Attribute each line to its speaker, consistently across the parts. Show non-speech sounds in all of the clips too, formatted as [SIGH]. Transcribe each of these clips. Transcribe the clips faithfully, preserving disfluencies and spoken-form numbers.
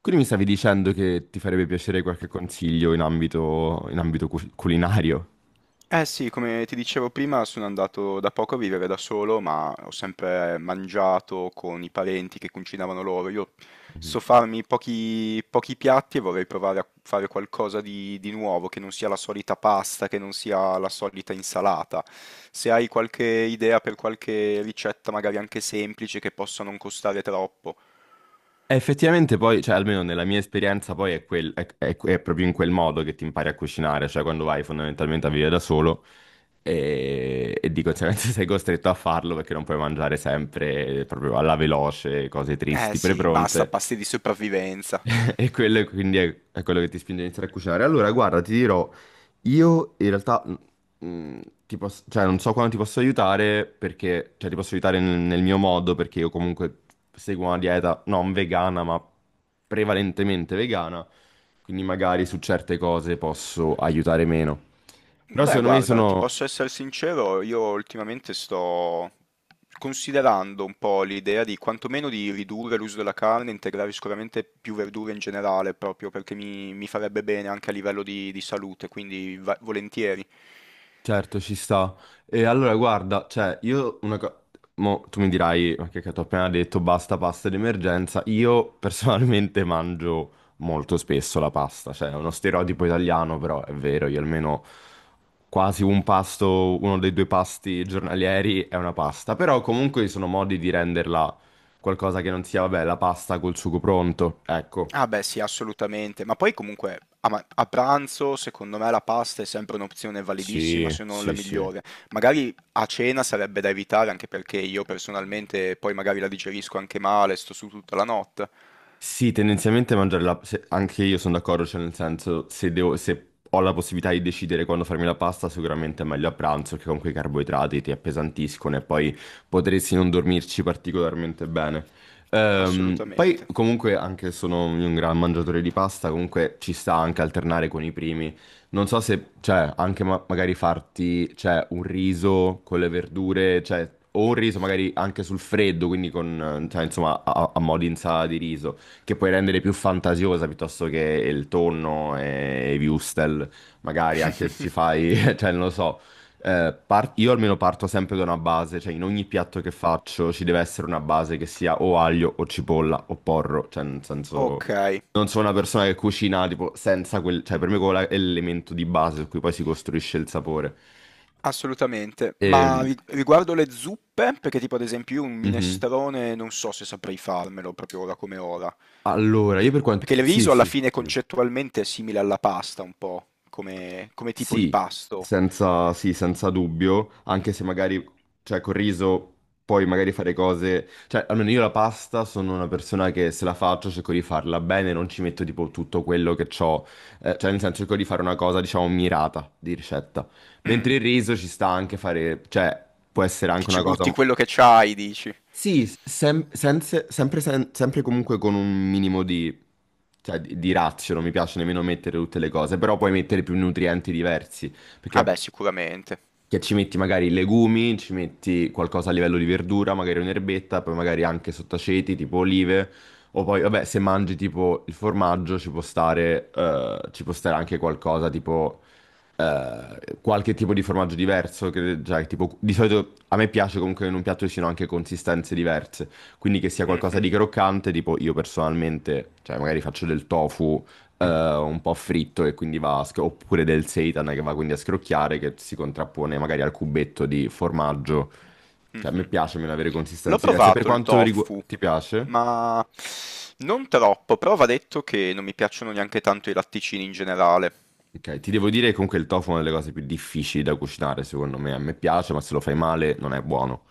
Speaker 1: Quindi mi stavi dicendo che ti farebbe piacere qualche consiglio in ambito, in ambito cu- culinario?
Speaker 2: Eh sì, come ti dicevo prima, sono andato da poco a vivere da solo, ma ho sempre mangiato con i parenti che cucinavano loro. Io
Speaker 1: Mhm.
Speaker 2: so farmi pochi, pochi piatti e vorrei provare a fare qualcosa di, di nuovo, che non sia la solita pasta, che non sia la solita insalata. Se hai qualche idea per qualche ricetta, magari anche semplice, che possa non costare troppo.
Speaker 1: E effettivamente poi, cioè almeno nella mia esperienza, poi è, quel- è- è- è proprio in quel modo che ti impari a cucinare, cioè quando vai fondamentalmente a vivere da solo e, e di conseguenza [LAUGHS] sei costretto a farlo perché non puoi mangiare sempre proprio alla veloce, cose
Speaker 2: Eh
Speaker 1: tristi,
Speaker 2: sì, basta
Speaker 1: prepronte.
Speaker 2: pasti di sopravvivenza.
Speaker 1: E quello è- quindi è, è quello che ti spinge a iniziare a cucinare. Allora, guarda, ti dirò, io in realtà mh, mh, ti posso- cioè, non so quando ti posso aiutare perché, cioè, ti posso aiutare nel, nel mio modo, perché io comunque seguo una dieta non vegana, ma prevalentemente vegana, quindi magari su certe cose posso aiutare meno. Però
Speaker 2: Beh,
Speaker 1: secondo me
Speaker 2: guarda, ti
Speaker 1: sono,
Speaker 2: posso essere sincero, io ultimamente sto considerando un po' l'idea di quantomeno di ridurre l'uso della carne, integrare sicuramente più verdure in generale, proprio perché mi, mi farebbe bene anche a livello di, di salute, quindi va- volentieri.
Speaker 1: certo, ci sta. E allora, guarda, cioè, io una cosa... Mo, tu mi dirai, ma che cacchio, ho appena detto, basta pasta d'emergenza. Io personalmente [LAUGHS] mangio molto spesso la pasta, cioè è uno stereotipo italiano, però è vero, io almeno quasi un pasto, uno dei due pasti giornalieri è una pasta. Però comunque ci sono modi di renderla qualcosa che non sia, vabbè, la pasta col sugo pronto. Ecco.
Speaker 2: Ah beh, sì, assolutamente. Ma poi comunque a, ma- a pranzo, secondo me la pasta è sempre un'opzione validissima,
Speaker 1: Sì,
Speaker 2: se non la
Speaker 1: sì, sì.
Speaker 2: migliore. Magari a cena sarebbe da evitare, anche perché io personalmente poi magari la digerisco anche male, sto su tutta la notte.
Speaker 1: Sì, tendenzialmente mangiare la... se- anche io sono d'accordo, cioè nel senso, se devo- se ho la possibilità di decidere quando farmi la pasta, sicuramente è meglio a pranzo, che con quei carboidrati ti appesantiscono e poi potresti non dormirci particolarmente bene. Ehm, poi
Speaker 2: Assolutamente.
Speaker 1: comunque, anche se sono un gran mangiatore di pasta, comunque ci sta anche alternare con i primi. Non so se, cioè, anche ma- magari farti, cioè, un riso con le verdure, cioè, o un riso magari anche sul freddo, quindi con, eh, cioè, insomma, a, a a mo' di insalata di riso, che puoi rendere più fantasiosa, piuttosto che il tonno e i wurstel, magari anche se ci
Speaker 2: [LAUGHS]
Speaker 1: fai, [LAUGHS] cioè non lo so. Eh, par- io almeno parto sempre da una base, cioè in ogni piatto che faccio ci deve essere una base che sia o aglio o cipolla o porro, cioè nel senso
Speaker 2: Okay,
Speaker 1: non sono una persona che cucina tipo senza quel, cioè
Speaker 2: mh,
Speaker 1: per me quello è l'elemento di base su cui poi si costruisce il sapore.
Speaker 2: assolutamente. Ma
Speaker 1: Ehm,
Speaker 2: ri riguardo le zuppe, perché tipo ad esempio io un
Speaker 1: mhm.
Speaker 2: minestrone non so se saprei farmelo proprio ora come ora.
Speaker 1: Allora, io
Speaker 2: Che-
Speaker 1: per
Speaker 2: Perché
Speaker 1: quanto...
Speaker 2: il
Speaker 1: Sì,
Speaker 2: riso alla
Speaker 1: sì.
Speaker 2: fine concettualmente è simile alla pasta un po', come, come tipo di
Speaker 1: Sì,
Speaker 2: pasto.
Speaker 1: senza, sì, senza dubbio, anche se magari, cioè, col riso puoi magari fare cose, cioè, almeno io la pasta sono una persona che se la faccio cerco di farla bene, non ci metto tipo tutto quello che ho, cioè, nel senso cerco di fare una cosa, diciamo, mirata di ricetta,
Speaker 2: Mm,
Speaker 1: mentre il riso ci sta anche fare, cioè, può essere
Speaker 2: che
Speaker 1: anche
Speaker 2: ci
Speaker 1: una cosa
Speaker 2: butti quello che c'hai, dici.
Speaker 1: sì, sem- sense- sempre, sen- sempre comunque con un minimo di, cioè, di, di razio, non mi piace nemmeno mettere tutte le cose, però puoi mettere più nutrienti diversi, perché
Speaker 2: Ah beh, sicuramente.
Speaker 1: che ci metti magari legumi, ci metti qualcosa a livello di verdura, magari un'erbetta, poi magari anche sottaceti, tipo olive, o poi, vabbè, se mangi tipo il formaggio ci può stare, eh, ci può stare anche qualcosa tipo eh, qualche tipo di formaggio diverso, che, cioè, tipo, di solito a me piace comunque che in un piatto ci siano anche consistenze diverse, quindi che sia qualcosa
Speaker 2: Mhm.
Speaker 1: di croccante, tipo io personalmente, cioè magari faccio del tofu eh, un po' fritto e quindi va, a sc- oppure del seitan che va quindi a scrocchiare, che si contrappone magari al cubetto di formaggio, cioè a me
Speaker 2: Mh-mh.
Speaker 1: piace meno avere
Speaker 2: L'ho
Speaker 1: consistenze diverse, per
Speaker 2: provato il
Speaker 1: quanto riguarda...
Speaker 2: tofu,
Speaker 1: ti piace?
Speaker 2: ma non troppo, però va detto che non mi piacciono neanche tanto i latticini in generale.
Speaker 1: Ok, ti devo dire che comunque il tofu è una delle cose più difficili da cucinare, secondo me. A me piace, ma se lo fai male non è buono.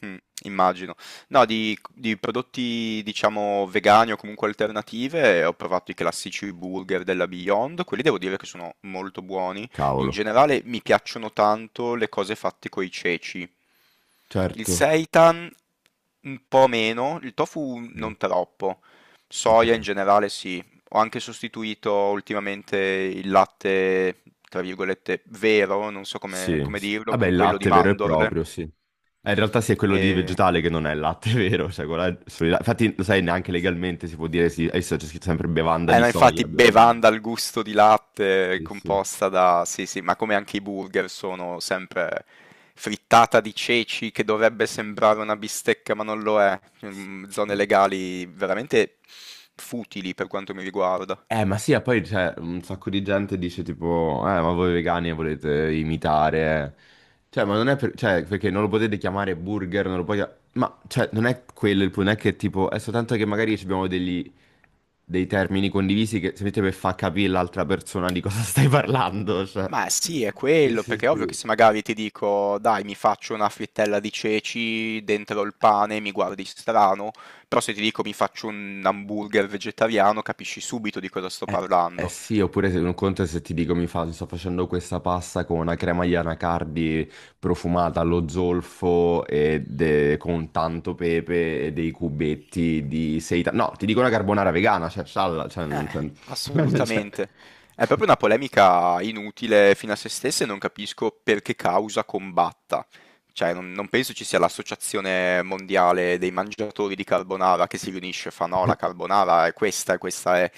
Speaker 2: Mh, immagino. No, di di prodotti, diciamo, vegani o comunque alternative, ho provato i classici burger della Beyond, quelli devo dire che sono molto buoni. In
Speaker 1: Cavolo.
Speaker 2: generale mi piacciono tanto le cose fatte coi ceci. Il
Speaker 1: Certo.
Speaker 2: seitan un po' meno, il tofu
Speaker 1: Mm,
Speaker 2: non troppo.
Speaker 1: ok.
Speaker 2: Soia in generale sì. Ho anche sostituito ultimamente il latte, tra virgolette, "vero", non so come
Speaker 1: Sì,
Speaker 2: come
Speaker 1: sì.
Speaker 2: dirlo,
Speaker 1: Vabbè,
Speaker 2: con
Speaker 1: il
Speaker 2: quello di
Speaker 1: latte vero e certo
Speaker 2: mandorle.
Speaker 1: proprio, sì. Eh, in realtà sì, è quello di
Speaker 2: E
Speaker 1: vegetale che non è il latte [LAUGHS] vero. Cioè, quello è solo il la- infatti, lo sai, neanche
Speaker 2: sì.
Speaker 1: legalmente si può dire sì. Adesso c'è scritto sempre bevanda
Speaker 2: Eh
Speaker 1: di
Speaker 2: no, infatti
Speaker 1: soia. Bevanda di...
Speaker 2: bevanda al gusto di latte
Speaker 1: Sì,
Speaker 2: composta da sì, sì, ma come anche i burger sono sempre frittata di ceci che dovrebbe sembrare una bistecca, ma non lo è. Mhmm, zone
Speaker 1: sì.
Speaker 2: legali veramente futili per quanto mi riguarda.
Speaker 1: Eh, ma sì, e poi cioè, un sacco di gente dice tipo, eh, ma voi vegani volete imitare. Cioè, ma non è per- cioè, perché non lo potete chiamare burger, non lo puoi... Ma, cioè, non è quello il punto, non è che tipo, è soltanto che magari ci abbiamo degli... dei termini condivisi che semplicemente per far capire l'altra persona di cosa stai parlando, cioè.
Speaker 2: Ma sì, è
Speaker 1: Sì,
Speaker 2: quello,
Speaker 1: sì,
Speaker 2: perché è ovvio che
Speaker 1: sì.
Speaker 2: se magari ti dico: "Dai, mi faccio una frittella di ceci dentro il pane", mi guardi strano, però se ti dico: "Mi faccio un hamburger vegetariano", capisci subito di cosa sto
Speaker 1: Eh, eh
Speaker 2: parlando.
Speaker 1: sì, oppure se un conto è se ti dico mi fa, sto facendo questa pasta con una crema di anacardi profumata allo zolfo e de- con tanto pepe e dei cubetti di seitan. No, ti dico una carbonara vegana, cioè, scialla, cioè,
Speaker 2: Eh.
Speaker 1: non- cioè- [LAUGHS] cioè-
Speaker 2: Assolutamente. È proprio una polemica inutile fino a se stessa e non capisco per che causa combatta. Cioè, non non penso ci sia l'Associazione Mondiale dei Mangiatori di Carbonara che si riunisce e fa: "No, la carbonara è questa e questa è".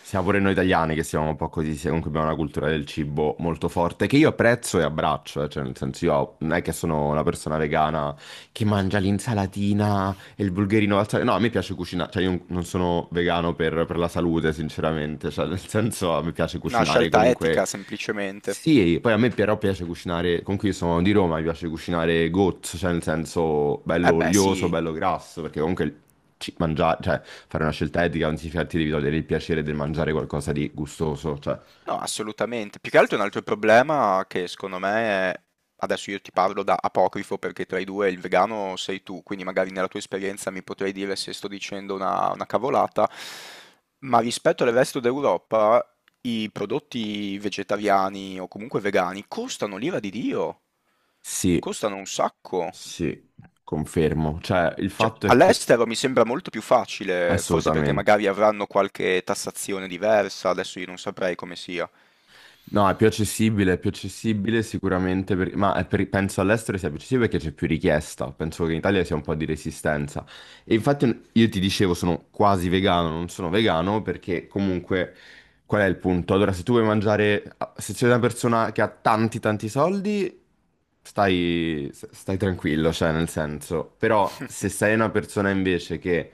Speaker 1: siamo pure noi italiani che siamo un po' così, sia- comunque abbiamo una cultura del cibo molto forte, che io apprezzo e abbraccio, eh, cioè nel senso io non è che sono una persona vegana che mangia l'insalatina e il bulgherino, al sale. No, a me piace cucinare, cioè io non sono vegano per, per la salute, sinceramente, cioè nel senso a me piace
Speaker 2: Una
Speaker 1: cucinare
Speaker 2: scelta
Speaker 1: comunque...
Speaker 2: etica semplicemente.
Speaker 1: Sì, poi a me però piace cucinare, comunque io sono di Roma, mi piace cucinare gozzo, cioè nel senso
Speaker 2: Eh
Speaker 1: bello
Speaker 2: beh,
Speaker 1: olioso,
Speaker 2: sì.
Speaker 1: bello grasso, perché comunque ci- mangiare, cioè fare una scelta etica non significa che ti devi togliere il piacere del mangiare qualcosa di gustoso, cioè
Speaker 2: No, assolutamente. Più che altro un altro problema che secondo me è... Adesso io ti parlo da apocrifo perché tra i due il vegano sei tu, quindi magari nella tua esperienza mi potrei dire se sto dicendo una, una cavolata, ma rispetto al resto d'Europa i prodotti vegetariani o comunque vegani costano l'ira di Dio,
Speaker 1: sì,
Speaker 2: costano un sacco.
Speaker 1: sì, confermo, cioè il
Speaker 2: Cioè,
Speaker 1: fatto è che
Speaker 2: all'estero mi sembra molto più facile, forse perché
Speaker 1: assolutamente.
Speaker 2: magari avranno qualche tassazione diversa, adesso io non saprei come sia.
Speaker 1: No, è più accessibile, è più accessibile sicuramente, per- ma è per- penso all'estero sia più accessibile perché c'è più richiesta, penso che in Italia sia un po' di resistenza. E infatti io ti dicevo, sono quasi vegano, non sono vegano perché comunque qual è il punto? Allora, se tu vuoi mangiare, se sei una persona che ha tanti tanti soldi, stai, stai tranquillo, cioè nel senso, però se
Speaker 2: [LAUGHS]
Speaker 1: sei una persona invece che,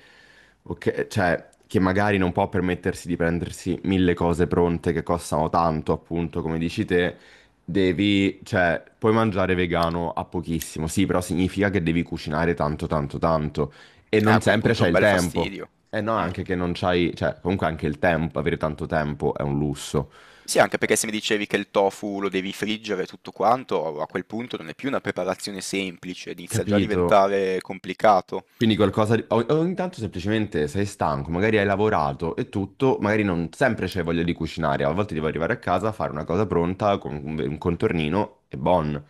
Speaker 1: ok, cioè, che magari non può permettersi di prendersi mille cose pronte che costano tanto, appunto, come dici te, devi, cioè, puoi mangiare vegano a pochissimo, sì, però significa che devi cucinare tanto tanto tanto. E
Speaker 2: Eh,
Speaker 1: non
Speaker 2: a quel
Speaker 1: sempre
Speaker 2: punto è
Speaker 1: c'hai
Speaker 2: un
Speaker 1: il
Speaker 2: bel
Speaker 1: tempo.
Speaker 2: fastidio.
Speaker 1: E no,
Speaker 2: Mm.
Speaker 1: anche che non c'hai, cioè, comunque anche il tempo, avere tanto tempo è un lusso.
Speaker 2: Sì, anche perché se mi dicevi che il tofu lo devi friggere e tutto quanto, a quel punto non è più una preparazione semplice, inizia già a
Speaker 1: Capito?
Speaker 2: diventare complicato.
Speaker 1: Quindi qualcosa di... o- ogni tanto semplicemente sei stanco, magari hai lavorato e tutto, magari non sempre c'è voglia di cucinare, a volte devo arrivare a casa, fare una cosa pronta con un un contornino e buon.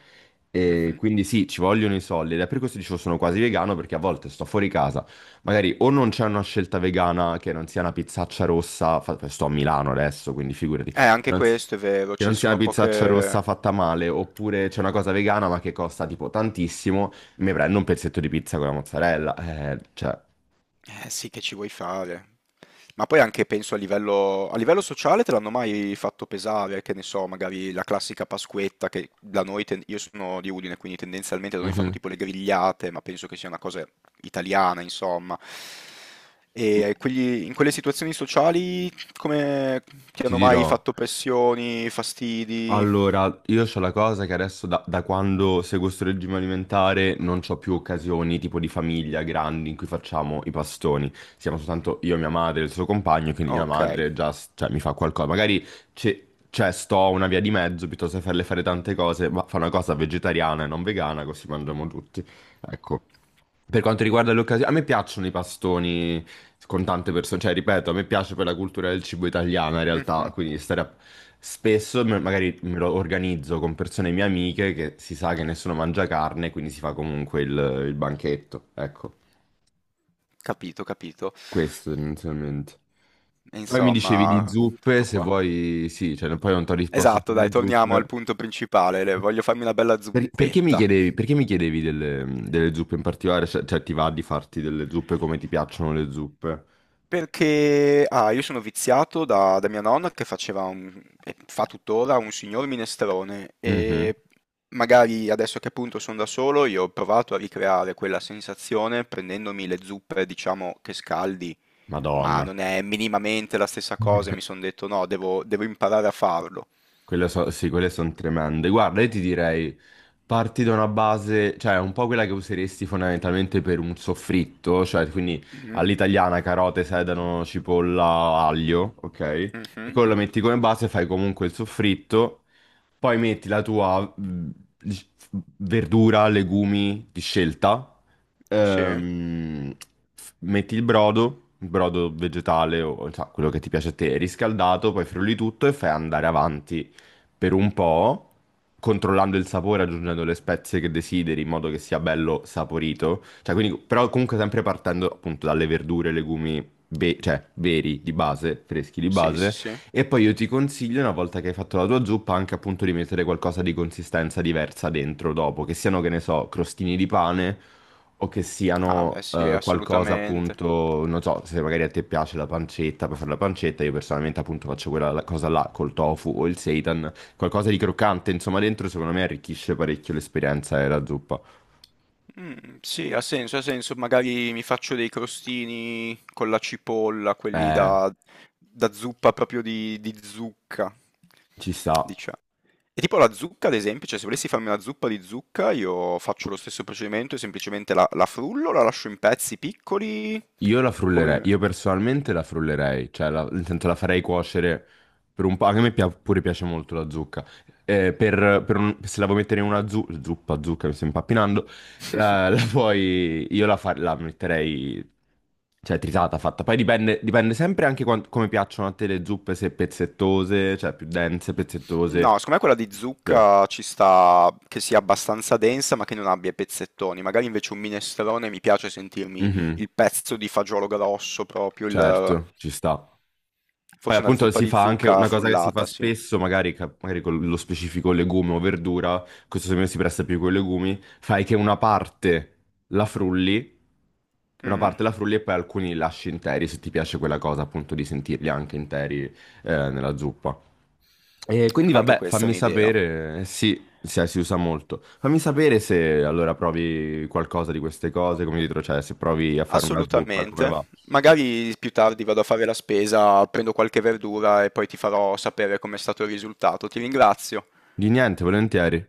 Speaker 1: E
Speaker 2: Mhm.
Speaker 1: quindi sì, ci vogliono i soldi ed è per questo dicevo sono quasi vegano, perché a volte sto fuori casa, magari o non c'è una scelta vegana che non sia una pizzaccia rossa, fa- sto a Milano adesso, quindi figurati,
Speaker 2: Eh, anche
Speaker 1: non si-
Speaker 2: questo è vero,
Speaker 1: che
Speaker 2: ci
Speaker 1: non sia la
Speaker 2: sono
Speaker 1: pizzaccia
Speaker 2: poche...
Speaker 1: rossa fatta male, oppure c'è una cosa vegana ma che costa tipo tantissimo, mi prendo un pezzetto di pizza con la mozzarella. Eh, cioè,
Speaker 2: Eh sì, che ci vuoi fare? Ma poi anche penso a livello, a livello sociale te l'hanno mai fatto pesare, che ne so, magari la classica Pasquetta che da noi, ten- io sono di Udine, quindi tendenzialmente da noi fanno
Speaker 1: mhm,
Speaker 2: tipo le grigliate, ma penso che sia una cosa italiana, insomma. E quegli- in quelle situazioni sociali come ti
Speaker 1: ti
Speaker 2: hanno mai
Speaker 1: dirò.
Speaker 2: fatto pressioni, fastidi?
Speaker 1: Allora, io ho la cosa che adesso da, da quando seguo sto regime alimentare non ho più occasioni tipo di famiglia grandi in cui facciamo i pastoni. Siamo soltanto io, mia madre e il suo compagno, quindi mia
Speaker 2: Ok,
Speaker 1: madre già s- cioè, mi fa qualcosa. Magari c'è c'è, sto una via di mezzo, piuttosto che farle fare tante cose, ma fa una cosa vegetariana e non vegana così mangiamo tutti. Ecco. Per quanto riguarda le occasioni, a me piacciono i pastoni con tante persone, cioè ripeto, a me piace per la cultura del cibo italiana in realtà,
Speaker 2: mhm.
Speaker 1: quindi stare a- spesso me- magari me lo organizzo con persone mie amiche che si sa che nessuno mangia carne, quindi si fa comunque il, il banchetto, ecco,
Speaker 2: Capito, capito.
Speaker 1: questo tendenzialmente.
Speaker 2: E
Speaker 1: Poi mi dicevi di
Speaker 2: insomma,
Speaker 1: zuppe,
Speaker 2: tutto
Speaker 1: se
Speaker 2: qua.
Speaker 1: vuoi, sì, cioè no, poi non ti ho risposto
Speaker 2: Esatto, dai,
Speaker 1: sulle
Speaker 2: torniamo al
Speaker 1: zuppe.
Speaker 2: punto principale, le- voglio farmi una bella
Speaker 1: Per- perché mi
Speaker 2: zuppetta.
Speaker 1: chiedevi, perché mi chiedevi delle, delle zuppe in particolare? Cioè, cioè, ti va di farti delle zuppe, come ti piacciono le zuppe?
Speaker 2: Perché, ah, io sono viziato da, da mia nonna che faceva un, e fa tuttora un signor minestrone
Speaker 1: Mhm.
Speaker 2: e magari adesso che appunto sono da solo io ho provato a ricreare quella sensazione prendendomi le zuppe, diciamo, che scaldi, ma
Speaker 1: Madonna.
Speaker 2: non è minimamente la stessa cosa e mi sono
Speaker 1: [LAUGHS]
Speaker 2: detto no, devo, devo imparare a farlo.
Speaker 1: Quelle so- sì, quelle sono tremende. Guarda, io ti direi, parti da una base, cioè un po' quella che useresti fondamentalmente per un soffritto, cioè quindi
Speaker 2: Mhm,
Speaker 1: all'italiana carote, sedano, cipolla, aglio, ok? E
Speaker 2: mhm,
Speaker 1: quello lo metti come base, fai comunque il soffritto, poi metti la tua mh, dic- verdura, legumi di scelta,
Speaker 2: Sì,
Speaker 1: ehm, f- metti il brodo, il brodo vegetale o cioè, quello che ti piace a te, riscaldato, poi frulli tutto e fai andare avanti per un po', controllando il sapore, aggiungendo le spezie che desideri, in modo che sia bello saporito. Cioè, quindi, però comunque sempre partendo appunto dalle verdure, legumi, ve- cioè veri di base, freschi di
Speaker 2: sì, sì,
Speaker 1: base.
Speaker 2: sì.
Speaker 1: E poi io ti consiglio, una volta che hai fatto la tua zuppa, anche appunto di mettere qualcosa di consistenza diversa dentro dopo, che siano, che ne so, crostini di pane o che
Speaker 2: Ah, beh,
Speaker 1: siano
Speaker 2: sì,
Speaker 1: eh, qualcosa
Speaker 2: assolutamente.
Speaker 1: appunto, non so, se magari a te piace la pancetta, puoi fare la pancetta, io personalmente appunto faccio quella la- cosa là col tofu o il seitan, qualcosa di croccante, insomma, dentro secondo me arricchisce parecchio l'esperienza della zuppa.
Speaker 2: Mm, sì, ha senso, ha senso. Magari mi faccio dei crostini con la cipolla, quelli
Speaker 1: Eh,
Speaker 2: da, da zuppa proprio di, di zucca,
Speaker 1: ci sta.
Speaker 2: diciamo. E tipo la zucca, ad esempio, cioè se volessi farmi una zuppa di zucca, io faccio lo stesso procedimento e semplicemente la, la frullo, la lascio in pezzi piccoli,
Speaker 1: Io la frullerei,
Speaker 2: come...
Speaker 1: io personalmente la frullerei, cioè la, nel senso la farei cuocere per un po', anche a me pia- pure piace molto la zucca. Eh, per, per un- se la vuoi mettere in una zu- zuppa, zucca, mi sto impappinando,
Speaker 2: [LAUGHS]
Speaker 1: la, la puoi, io la, fa- la metterei, cioè tritata, fatta, poi dipende, dipende sempre anche quan- come piacciono a te le zuppe, se pezzettose, cioè più dense, pezzettose,
Speaker 2: No, secondo me quella di
Speaker 1: cioè.
Speaker 2: zucca ci sta che sia abbastanza densa ma che non abbia i pezzettoni. Magari invece un minestrone mi piace sentirmi
Speaker 1: Mhm.
Speaker 2: il pezzo di fagiolo grosso proprio, il-
Speaker 1: Certo, ci sta. Poi
Speaker 2: forse una
Speaker 1: appunto
Speaker 2: zuppa
Speaker 1: si
Speaker 2: di
Speaker 1: fa anche
Speaker 2: zucca
Speaker 1: una cosa che si fa
Speaker 2: frullata, sì.
Speaker 1: spesso, magari, ca- magari con lo specifico legume o verdura, questo secondo me si presta più con i legumi, fai che una parte la frulli, una
Speaker 2: Mm.
Speaker 1: parte la frulli e poi alcuni li lasci interi, se ti piace quella cosa appunto di sentirli anche interi eh, nella zuppa. E quindi
Speaker 2: Anche
Speaker 1: vabbè,
Speaker 2: questa è
Speaker 1: fammi
Speaker 2: un'idea.
Speaker 1: sapere, eh, sì, sì, si usa molto. Fammi sapere se allora provi qualcosa di queste cose, come dietro, cioè se provi a fare una zuppa, come
Speaker 2: Assolutamente.
Speaker 1: va.
Speaker 2: Magari più tardi vado a fare la spesa, prendo qualche verdura e poi ti farò sapere com'è stato il risultato. Ti ringrazio.
Speaker 1: Di niente, volentieri.